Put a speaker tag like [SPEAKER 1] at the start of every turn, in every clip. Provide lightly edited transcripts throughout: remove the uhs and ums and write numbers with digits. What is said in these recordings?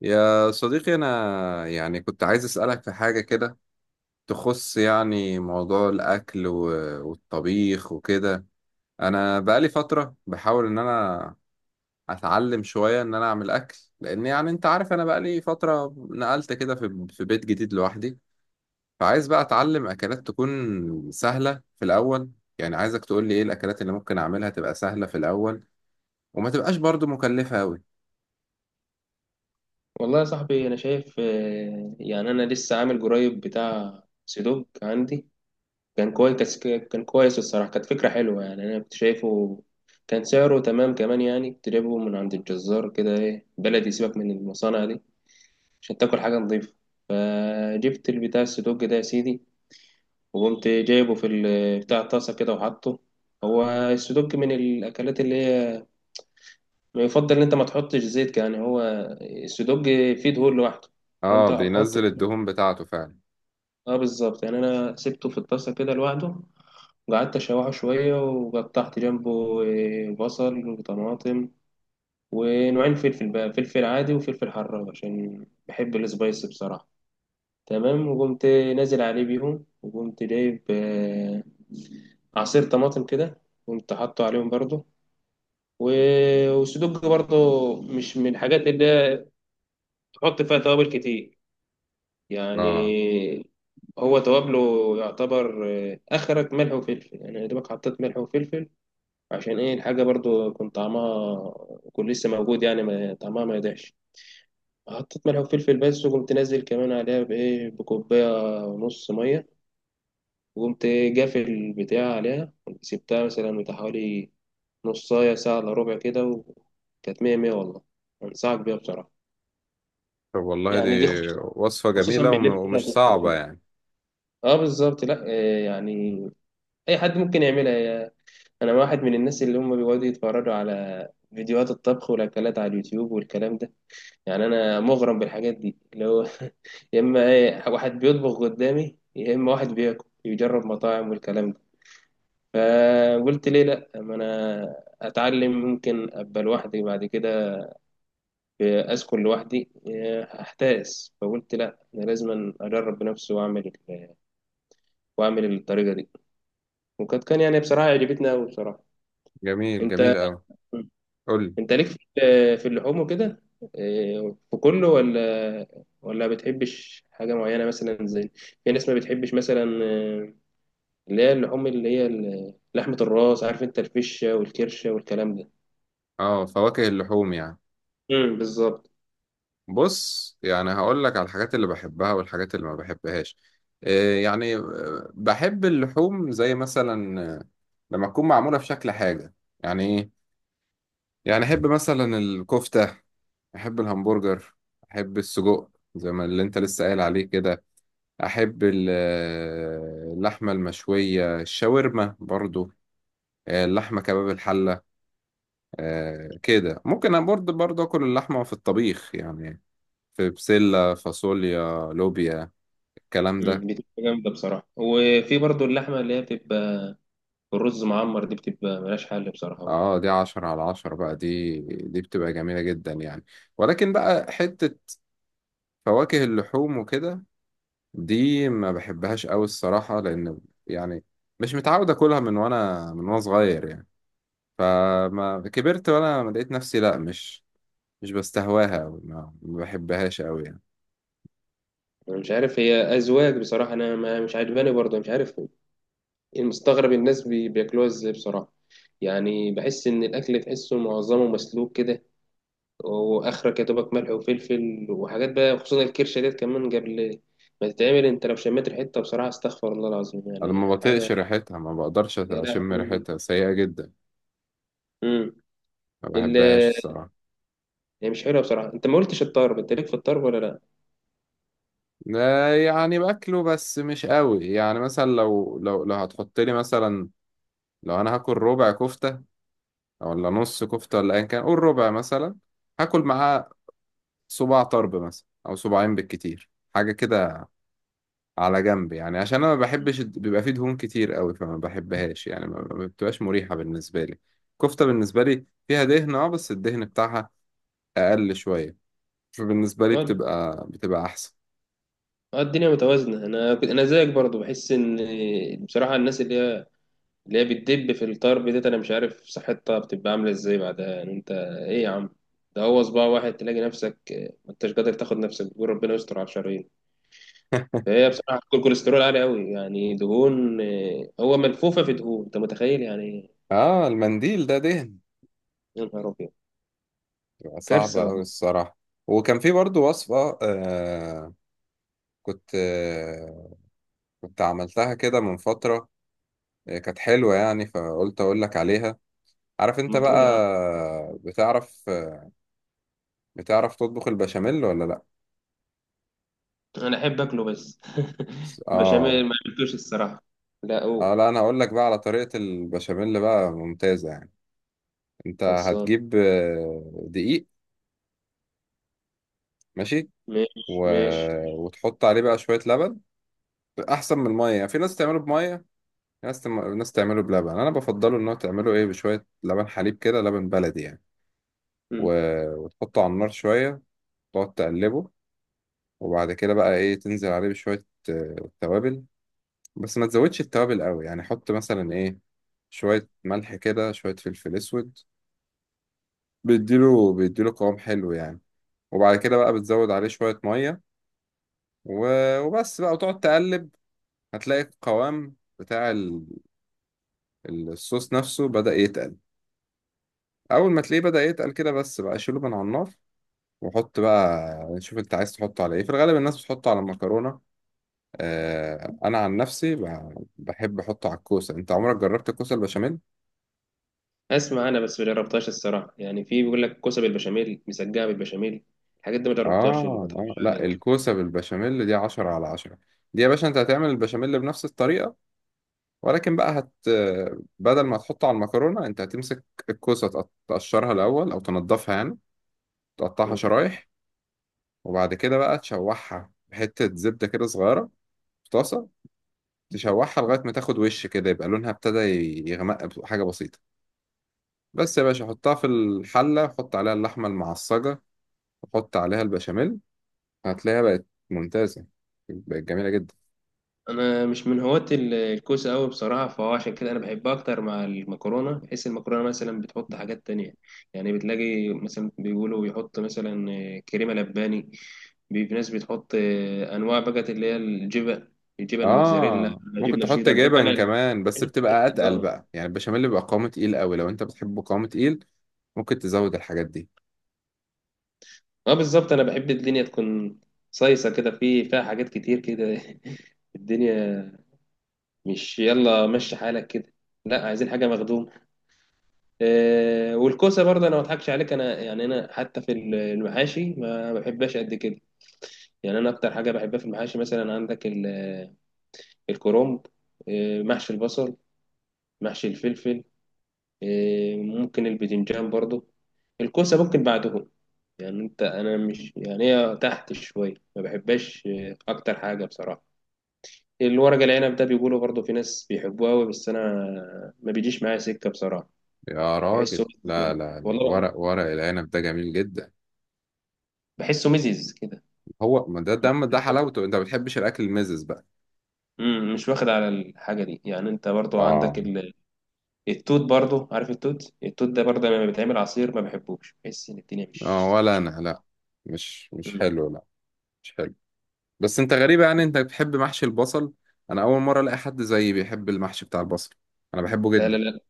[SPEAKER 1] يا صديقي، أنا يعني كنت عايز أسألك في حاجة كده تخص يعني موضوع الأكل والطبيخ وكده. أنا بقالي فترة بحاول إن أنا أتعلم شوية إن أنا أعمل أكل، لأن يعني أنت عارف أنا بقالي فترة نقلت كده في بيت جديد لوحدي. فعايز بقى أتعلم أكلات تكون سهلة في الأول. يعني عايزك تقول لي إيه الأكلات اللي ممكن أعملها تبقى سهلة في الأول، وما تبقاش برضو مكلفة أوي.
[SPEAKER 2] والله يا صاحبي، انا شايف، يعني انا لسه عامل قريب بتاع سيدوك عندي. كان كويس، كان كويس الصراحه. كانت فكره حلوه، يعني انا كنت شايفه كان سعره تمام كمان. يعني تجيبه من عند الجزار كده، ايه، بلدي. سيبك من المصانع دي عشان تاكل حاجه نظيفه. فجبت البتاع السيدوك ده يا سيدي، وقمت جايبه في بتاع الطاسه كده وحطه. هو السيدوك من الاكلات اللي هي ما يفضل ان انت ما تحطش زيت، يعني هو السيدوج فيه دهون لوحده.
[SPEAKER 1] آه،
[SPEAKER 2] انت حط.
[SPEAKER 1] بينزل الدهون بتاعته فعلا.
[SPEAKER 2] اه بالظبط، يعني انا سبته في الطاسه كده لوحده، وقعدت اشوحه شويه، وقطعت جنبه بصل وطماطم ونوعين فلفل، بقى فلفل عادي وفلفل حراق، عشان بحب السبايسي بصراحه. تمام، وقمت نازل عليه بيهم، وقمت جايب عصير طماطم كده، قمت حاطه عليهم برضه. والسدوج برضه مش من الحاجات اللي تحط فيها توابل كتير،
[SPEAKER 1] آه.
[SPEAKER 2] يعني هو توابله يعتبر اخرك ملح وفلفل، يعني يا دوبك حطيت ملح وفلفل، عشان ايه الحاجه برضو يكون طعمها يكون لسه موجود، يعني ما طعمها ما يضيعش. حطيت ملح وفلفل بس، وقمت نازل كمان عليها بكوبايه ونص ميه، وقمت جافل البتاع عليها، سبتها مثلا بتاع حوالي نصايه ساعه الا ربع كده، وكانت مية مية والله. انصحك بيها بصراحه،
[SPEAKER 1] طب والله دي
[SPEAKER 2] يعني دي خصوصا،
[SPEAKER 1] وصفة
[SPEAKER 2] خصوصا
[SPEAKER 1] جميلة
[SPEAKER 2] بالليل كده
[SPEAKER 1] ومش
[SPEAKER 2] هتبقى
[SPEAKER 1] صعبة
[SPEAKER 2] لذيذة.
[SPEAKER 1] يعني.
[SPEAKER 2] اه بالظبط. لا يعني اي حد ممكن يعملها. انا واحد من الناس اللي هم بيقعدوا يتفرجوا على فيديوهات الطبخ والاكلات على اليوتيوب والكلام ده. يعني انا مغرم بالحاجات دي اللي هو يا اما ايه واحد بيطبخ قدامي، يا اما واحد بياكل يجرب مطاعم والكلام ده. فقلت ليه لا، اما انا اتعلم ممكن ابقى لوحدي بعد كده، اسكن لوحدي هحتاس. فقلت لا، انا لازم اجرب بنفسي، واعمل الطريقه دي. كان يعني بصراحه عجبتني قوي بصراحه.
[SPEAKER 1] جميل
[SPEAKER 2] انت
[SPEAKER 1] جميل أوي. قول لي.
[SPEAKER 2] انت ليك في في اللحوم وكده؟ في كله، ولا ولا بتحبش حاجه معينه؟ مثلا زي في ناس ما بتحبش مثلا اللي هي اللحوم، اللي هي لحمه الراس، عارف انت، الفشه والكرشه والكلام ده.
[SPEAKER 1] اه، فواكه اللحوم يعني.
[SPEAKER 2] بالظبط.
[SPEAKER 1] بص، يعني هقول لك على الحاجات اللي بحبها والحاجات اللي ما بحبهاش. إيه يعني، بحب اللحوم، زي مثلا لما تكون معمولة في شكل حاجة، يعني ايه يعني. احب مثلا الكفتة، احب الهمبرجر، احب السجق زي ما اللي انت لسه قايل عليه كده، احب اللحمة المشوية، الشاورما برضو، اللحمة كباب الحلة. كده ممكن أنا برضه أكل اللحمة في الطبيخ يعني، في بسلة، فاصوليا، لوبيا، الكلام ده.
[SPEAKER 2] بتبقى جامده بصراحه. وفي برضو اللحمه اللي هي بتبقى بالرز معمر، دي بتبقى ملهاش حل بصراحه برضه.
[SPEAKER 1] اه، دي عشرة على عشرة بقى. دي بتبقى جميلة جدا يعني. ولكن بقى حتة فواكه اللحوم وكده، دي ما بحبهاش أوي الصراحة، لأن يعني مش متعود أكلها من وأنا صغير يعني. فما كبرت وأنا لقيت نفسي لأ، مش بستهواها أوي، ما بحبهاش أوي يعني.
[SPEAKER 2] أنا مش عارف، هي أذواق بصراحة. أنا ما مش عاجباني برضه، مش عارف المستغرب الناس بياكلوها ازاي بصراحة. يعني بحس ان الاكل تحسه معظمه مسلوك كده، واخرك يا دوبك ملح وفلفل وحاجات بقى. خصوصا الكرشة ديت، كمان قبل ما تتعمل انت لو شميت ريحتها بصراحة، استغفر الله العظيم
[SPEAKER 1] انا ما
[SPEAKER 2] يعني
[SPEAKER 1] بطيقش
[SPEAKER 2] حاجة.
[SPEAKER 1] ريحتها، ما بقدرش
[SPEAKER 2] يا
[SPEAKER 1] اشم
[SPEAKER 2] لهوي.
[SPEAKER 1] ريحتها، سيئة جدا.
[SPEAKER 2] امم
[SPEAKER 1] ما بحبهاش
[SPEAKER 2] ال-
[SPEAKER 1] الصراحة.
[SPEAKER 2] هي مش حلوة بصراحة. انت ما قلتش الطرب، انت ليك في الطرب ولا لا؟
[SPEAKER 1] لا يعني باكله بس مش قوي يعني، مثلا لو هتحط لي مثلا، لو انا هاكل ربع كفتة او ولا نص كفتة ولا ايا كان، قول ربع مثلا، هاكل معاه صباع طرب مثلا او صباعين بالكتير، حاجة كده على جنب، يعني عشان انا ما بحبش بيبقى فيه دهون كتير قوي، فما بحبهاش يعني، ما بتبقاش مريحة بالنسبة لي. كفتة بالنسبة لي فيها دهن اه، بس الدهن بتاعها اقل شوية، فبالنسبة لي
[SPEAKER 2] اه،
[SPEAKER 1] بتبقى أحسن.
[SPEAKER 2] الدنيا متوازنة. انا زيك برضو، بحس ان بصراحة الناس اللي هي بتدب في الطرب ديت، انا مش عارف صحتها بتبقى عامله ازاي بعدها، يعني انت ايه يا عم؟ ده هو صباع واحد تلاقي نفسك ما انتش قادر تاخد نفسك، بتقول ربنا يستر على الشرايين. فهي بصراحه كل كوليسترول عالي قوي، يعني دهون. هو ملفوفه في دهون، انت متخيل يعني إيه؟
[SPEAKER 1] اه، المنديل ده دهن.
[SPEAKER 2] يا نهار ابيض.
[SPEAKER 1] بتبقى صعبة
[SPEAKER 2] كارثه
[SPEAKER 1] أوي
[SPEAKER 2] والله.
[SPEAKER 1] الصراحة. وكان في برضو وصفة. كنت. كنت عملتها كده من فترة. كانت حلوة يعني، فقلت أقول لك عليها. عارف أنت
[SPEAKER 2] ما
[SPEAKER 1] بقى؟
[SPEAKER 2] تقول يا عم.
[SPEAKER 1] بتعرف بتعرف تطبخ البشاميل ولا لأ؟
[SPEAKER 2] انا احب اكله بس،
[SPEAKER 1] اه.
[SPEAKER 2] بشاميل ما عملتوش الصراحه. لا، او
[SPEAKER 1] اه، لا انا هقول لك بقى على طريقة البشاميل بقى ممتازة يعني. انت
[SPEAKER 2] خلصان.
[SPEAKER 1] هتجيب دقيق. ماشي.
[SPEAKER 2] ماشي
[SPEAKER 1] و...
[SPEAKER 2] ماشي.
[SPEAKER 1] وتحط عليه بقى شوية لبن، احسن من الميه يعني. في ناس تعمله بميه، في ناس ناس تعمله بلبن. انا بفضله ان هو تعمله ايه بشويه لبن حليب كده، لبن بلدي يعني.
[SPEAKER 2] مم.
[SPEAKER 1] و... وتحطه على النار شويه، تقعد تقلبه. وبعد كده بقى ايه، تنزل عليه بشويه توابل. بس ما تزودش التوابل قوي يعني، حط مثلا ايه، شويه ملح كده، شويه فلفل اسود، بيديله قوام حلو يعني. وبعد كده بقى بتزود عليه شويه ميه، و... وبس بقى، وتقعد تقلب. هتلاقي القوام بتاع الصوص نفسه بدأ يتقل. اول ما تلاقيه بدأ يتقل كده، بس بقى شيله من على النار، وحط بقى. شوف انت عايز تحطه على ايه. في الغالب الناس بتحطه على المكرونة. آه، انا عن نفسي بحب احطه على الكوسة. انت عمرك جربت الكوسة البشاميل؟
[SPEAKER 2] اسمع، انا بس ما جربتهاش الصراحه، يعني في بيقول لك كوسه بالبشاميل، مسقعه بالبشاميل، الحاجات دي ما
[SPEAKER 1] اه.
[SPEAKER 2] جربتهاش، اللي ما اضحكش
[SPEAKER 1] لا،
[SPEAKER 2] عليك.
[SPEAKER 1] الكوسة بالبشاميل دي عشرة على عشرة. دي يا باشا، انت هتعمل البشاميل بنفس الطريقة، ولكن بقى بدل ما تحطه على المكرونة، انت هتمسك الكوسة، تقشرها الاول او تنضفها يعني، تقطعها
[SPEAKER 2] مم.
[SPEAKER 1] شرايح. وبعد كده بقى تشوحها بحتة زبدة كده صغيرة في طاسه، تشوحها لغاية ما تاخد وش كده، يبقى لونها ابتدى يغمق بحاجة بسيطة. بس يا باشا، حطها في الحلة، حط عليها اللحمة المعصجة، وحط عليها البشاميل، هتلاقيها بقت ممتازة، بقت جميلة جدا.
[SPEAKER 2] انا مش من هواة الكوسه قوي بصراحه، فهو عشان كده انا بحبها اكتر مع المكرونه، بحيث المكرونه مثلا بتحط حاجات تانية. يعني بتلاقي مثلا بيقولوا بيحط مثلا كريمه لباني. في ناس بتحط انواع بقى، اللي هي الجبن موتزاريلا،
[SPEAKER 1] اه، ممكن
[SPEAKER 2] جبنه
[SPEAKER 1] تحط
[SPEAKER 2] شيدر بحب انا.
[SPEAKER 1] جبن كمان، بس بتبقى اتقل
[SPEAKER 2] اه.
[SPEAKER 1] بقى يعني، البشاميل بيبقى قوامه تقيل قوي. لو انت بتحبه قوامه تقيل، ممكن تزود الحاجات دي.
[SPEAKER 2] اه بالظبط، انا بحب الدنيا تكون صيصه كده، فيها حاجات كتير كده الدنيا مش يلا مشي حالك كده، لا عايزين حاجه مخدوم. آه، والكوسه برضه انا ما اضحكش عليك، انا يعني انا حتى في المحاشي ما بحبهاش قد كده. يعني انا اكتر حاجه بحبها في المحاشي، مثلا عندك الكرنب، آه محشي البصل، محشي الفلفل، آه ممكن الباذنجان برضه، الكوسه ممكن بعدهم. يعني انا مش، يعني هي تحت شويه ما بحبهاش اكتر حاجه بصراحه. الورق العنب ده بيقولوا برضه في ناس بيحبوه قوي، بس انا ما بيجيش معايا سكه بصراحه.
[SPEAKER 1] يا راجل،
[SPEAKER 2] بحسه
[SPEAKER 1] لا لا لا،
[SPEAKER 2] والله،
[SPEAKER 1] ورق العنب ده جميل جدا.
[SPEAKER 2] بحسه مزز كده.
[SPEAKER 1] هو ما ده حلاوته. انت ما بتحبش الاكل المزز بقى.
[SPEAKER 2] مش واخد على الحاجه دي. يعني انت برضه عندك
[SPEAKER 1] اه.
[SPEAKER 2] التوت برضه، عارف التوت ده برضه لما بيتعمل عصير ما بحبوش، بحس ان الدنيا
[SPEAKER 1] اه ولا
[SPEAKER 2] مش.
[SPEAKER 1] انا، لا، مش
[SPEAKER 2] مم.
[SPEAKER 1] حلو، لا، مش حلو. بس انت غريب يعني، انت بتحب محشي البصل. انا اول مره الاقي حد زيي بيحب المحشي بتاع البصل، انا بحبه
[SPEAKER 2] لا لا
[SPEAKER 1] جدا.
[SPEAKER 2] لا،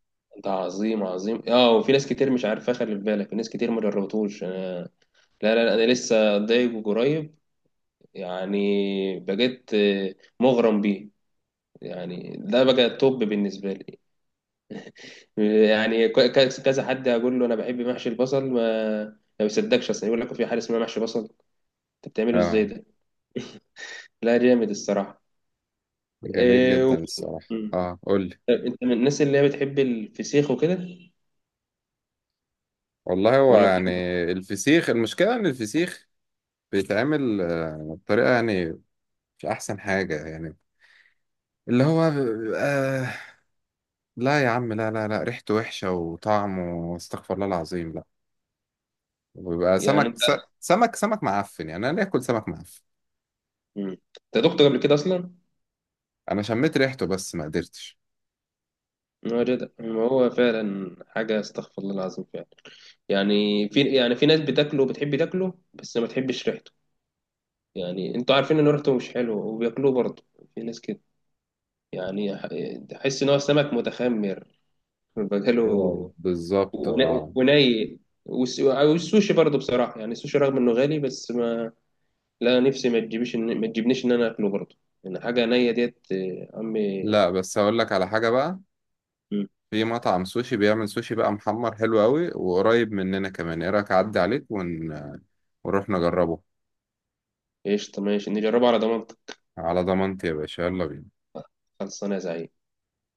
[SPEAKER 2] ده عظيم عظيم. اه، وفي ناس كتير مش عارفه، خلي في بالك في ناس كتير ما جربتوش. لا لا لا، انا لسه ضايق قريب، يعني بقيت مغرم بيه. يعني ده بقى توب بالنسبه لي. يعني كذا حد اقول له انا بحب محشي البصل، ما بيصدقش اصلا، يقول لك في حاجه اسمها محشي بصل؟ انت بتعمله ازاي
[SPEAKER 1] اه،
[SPEAKER 2] ده؟ لا جامد الصراحه.
[SPEAKER 1] جميل
[SPEAKER 2] إيه
[SPEAKER 1] جدا
[SPEAKER 2] و...
[SPEAKER 1] الصراحه.
[SPEAKER 2] مم.
[SPEAKER 1] اه، قول لي.
[SPEAKER 2] انت من الناس اللي هي بتحب الفسيخ وكده،
[SPEAKER 1] والله هو
[SPEAKER 2] ولا
[SPEAKER 1] يعني،
[SPEAKER 2] بتحب؟
[SPEAKER 1] الفسيخ المشكله ان الفسيخ بيتعمل بطريقه يعني مش احسن حاجه يعني، اللي هو آه. لا يا عم، لا لا لا، ريحته وحشه وطعمه استغفر الله العظيم، لا. وبيبقى
[SPEAKER 2] إيه؟ يعني انت.
[SPEAKER 1] سمك معفن يعني، انا ليه اكل سمك معفن؟
[SPEAKER 2] مم. انت دقت قبل كده اصلا؟
[SPEAKER 1] انا شميت ريحته بس ما قدرتش.
[SPEAKER 2] ما هو جدع، ما هو فعلا حاجه استغفر الله العظيم فعلا. يعني في ناس بتاكله بتحب تاكله، بس ما بتحبش ريحته. يعني انتوا عارفين ان ريحته مش حلوه وبياكلوه برضه، في ناس كده. يعني تحس ان هو سمك متخمر
[SPEAKER 1] واو،
[SPEAKER 2] بقاله
[SPEAKER 1] بالظبط اه.
[SPEAKER 2] وني. والسوشي برضه بصراحه، يعني السوشي رغم انه غالي بس ما، لا نفسي ما تجيبش ما تجيبنيش ان انا اكله برضه، يعني حاجه نيه ديت عمي.
[SPEAKER 1] لا، بس هقول لك على حاجة بقى.
[SPEAKER 2] مم.
[SPEAKER 1] في مطعم سوشي بيعمل سوشي بقى محمر حلو قوي، وقريب مننا كمان، ايه رأيك اعدي عليك ونروح نجربه؟
[SPEAKER 2] قشطه، ماشي، نجربها على ضمانتك.
[SPEAKER 1] على ضمانتي يا باشا، يلا بينا.
[SPEAKER 2] خلصانه يا زعيم.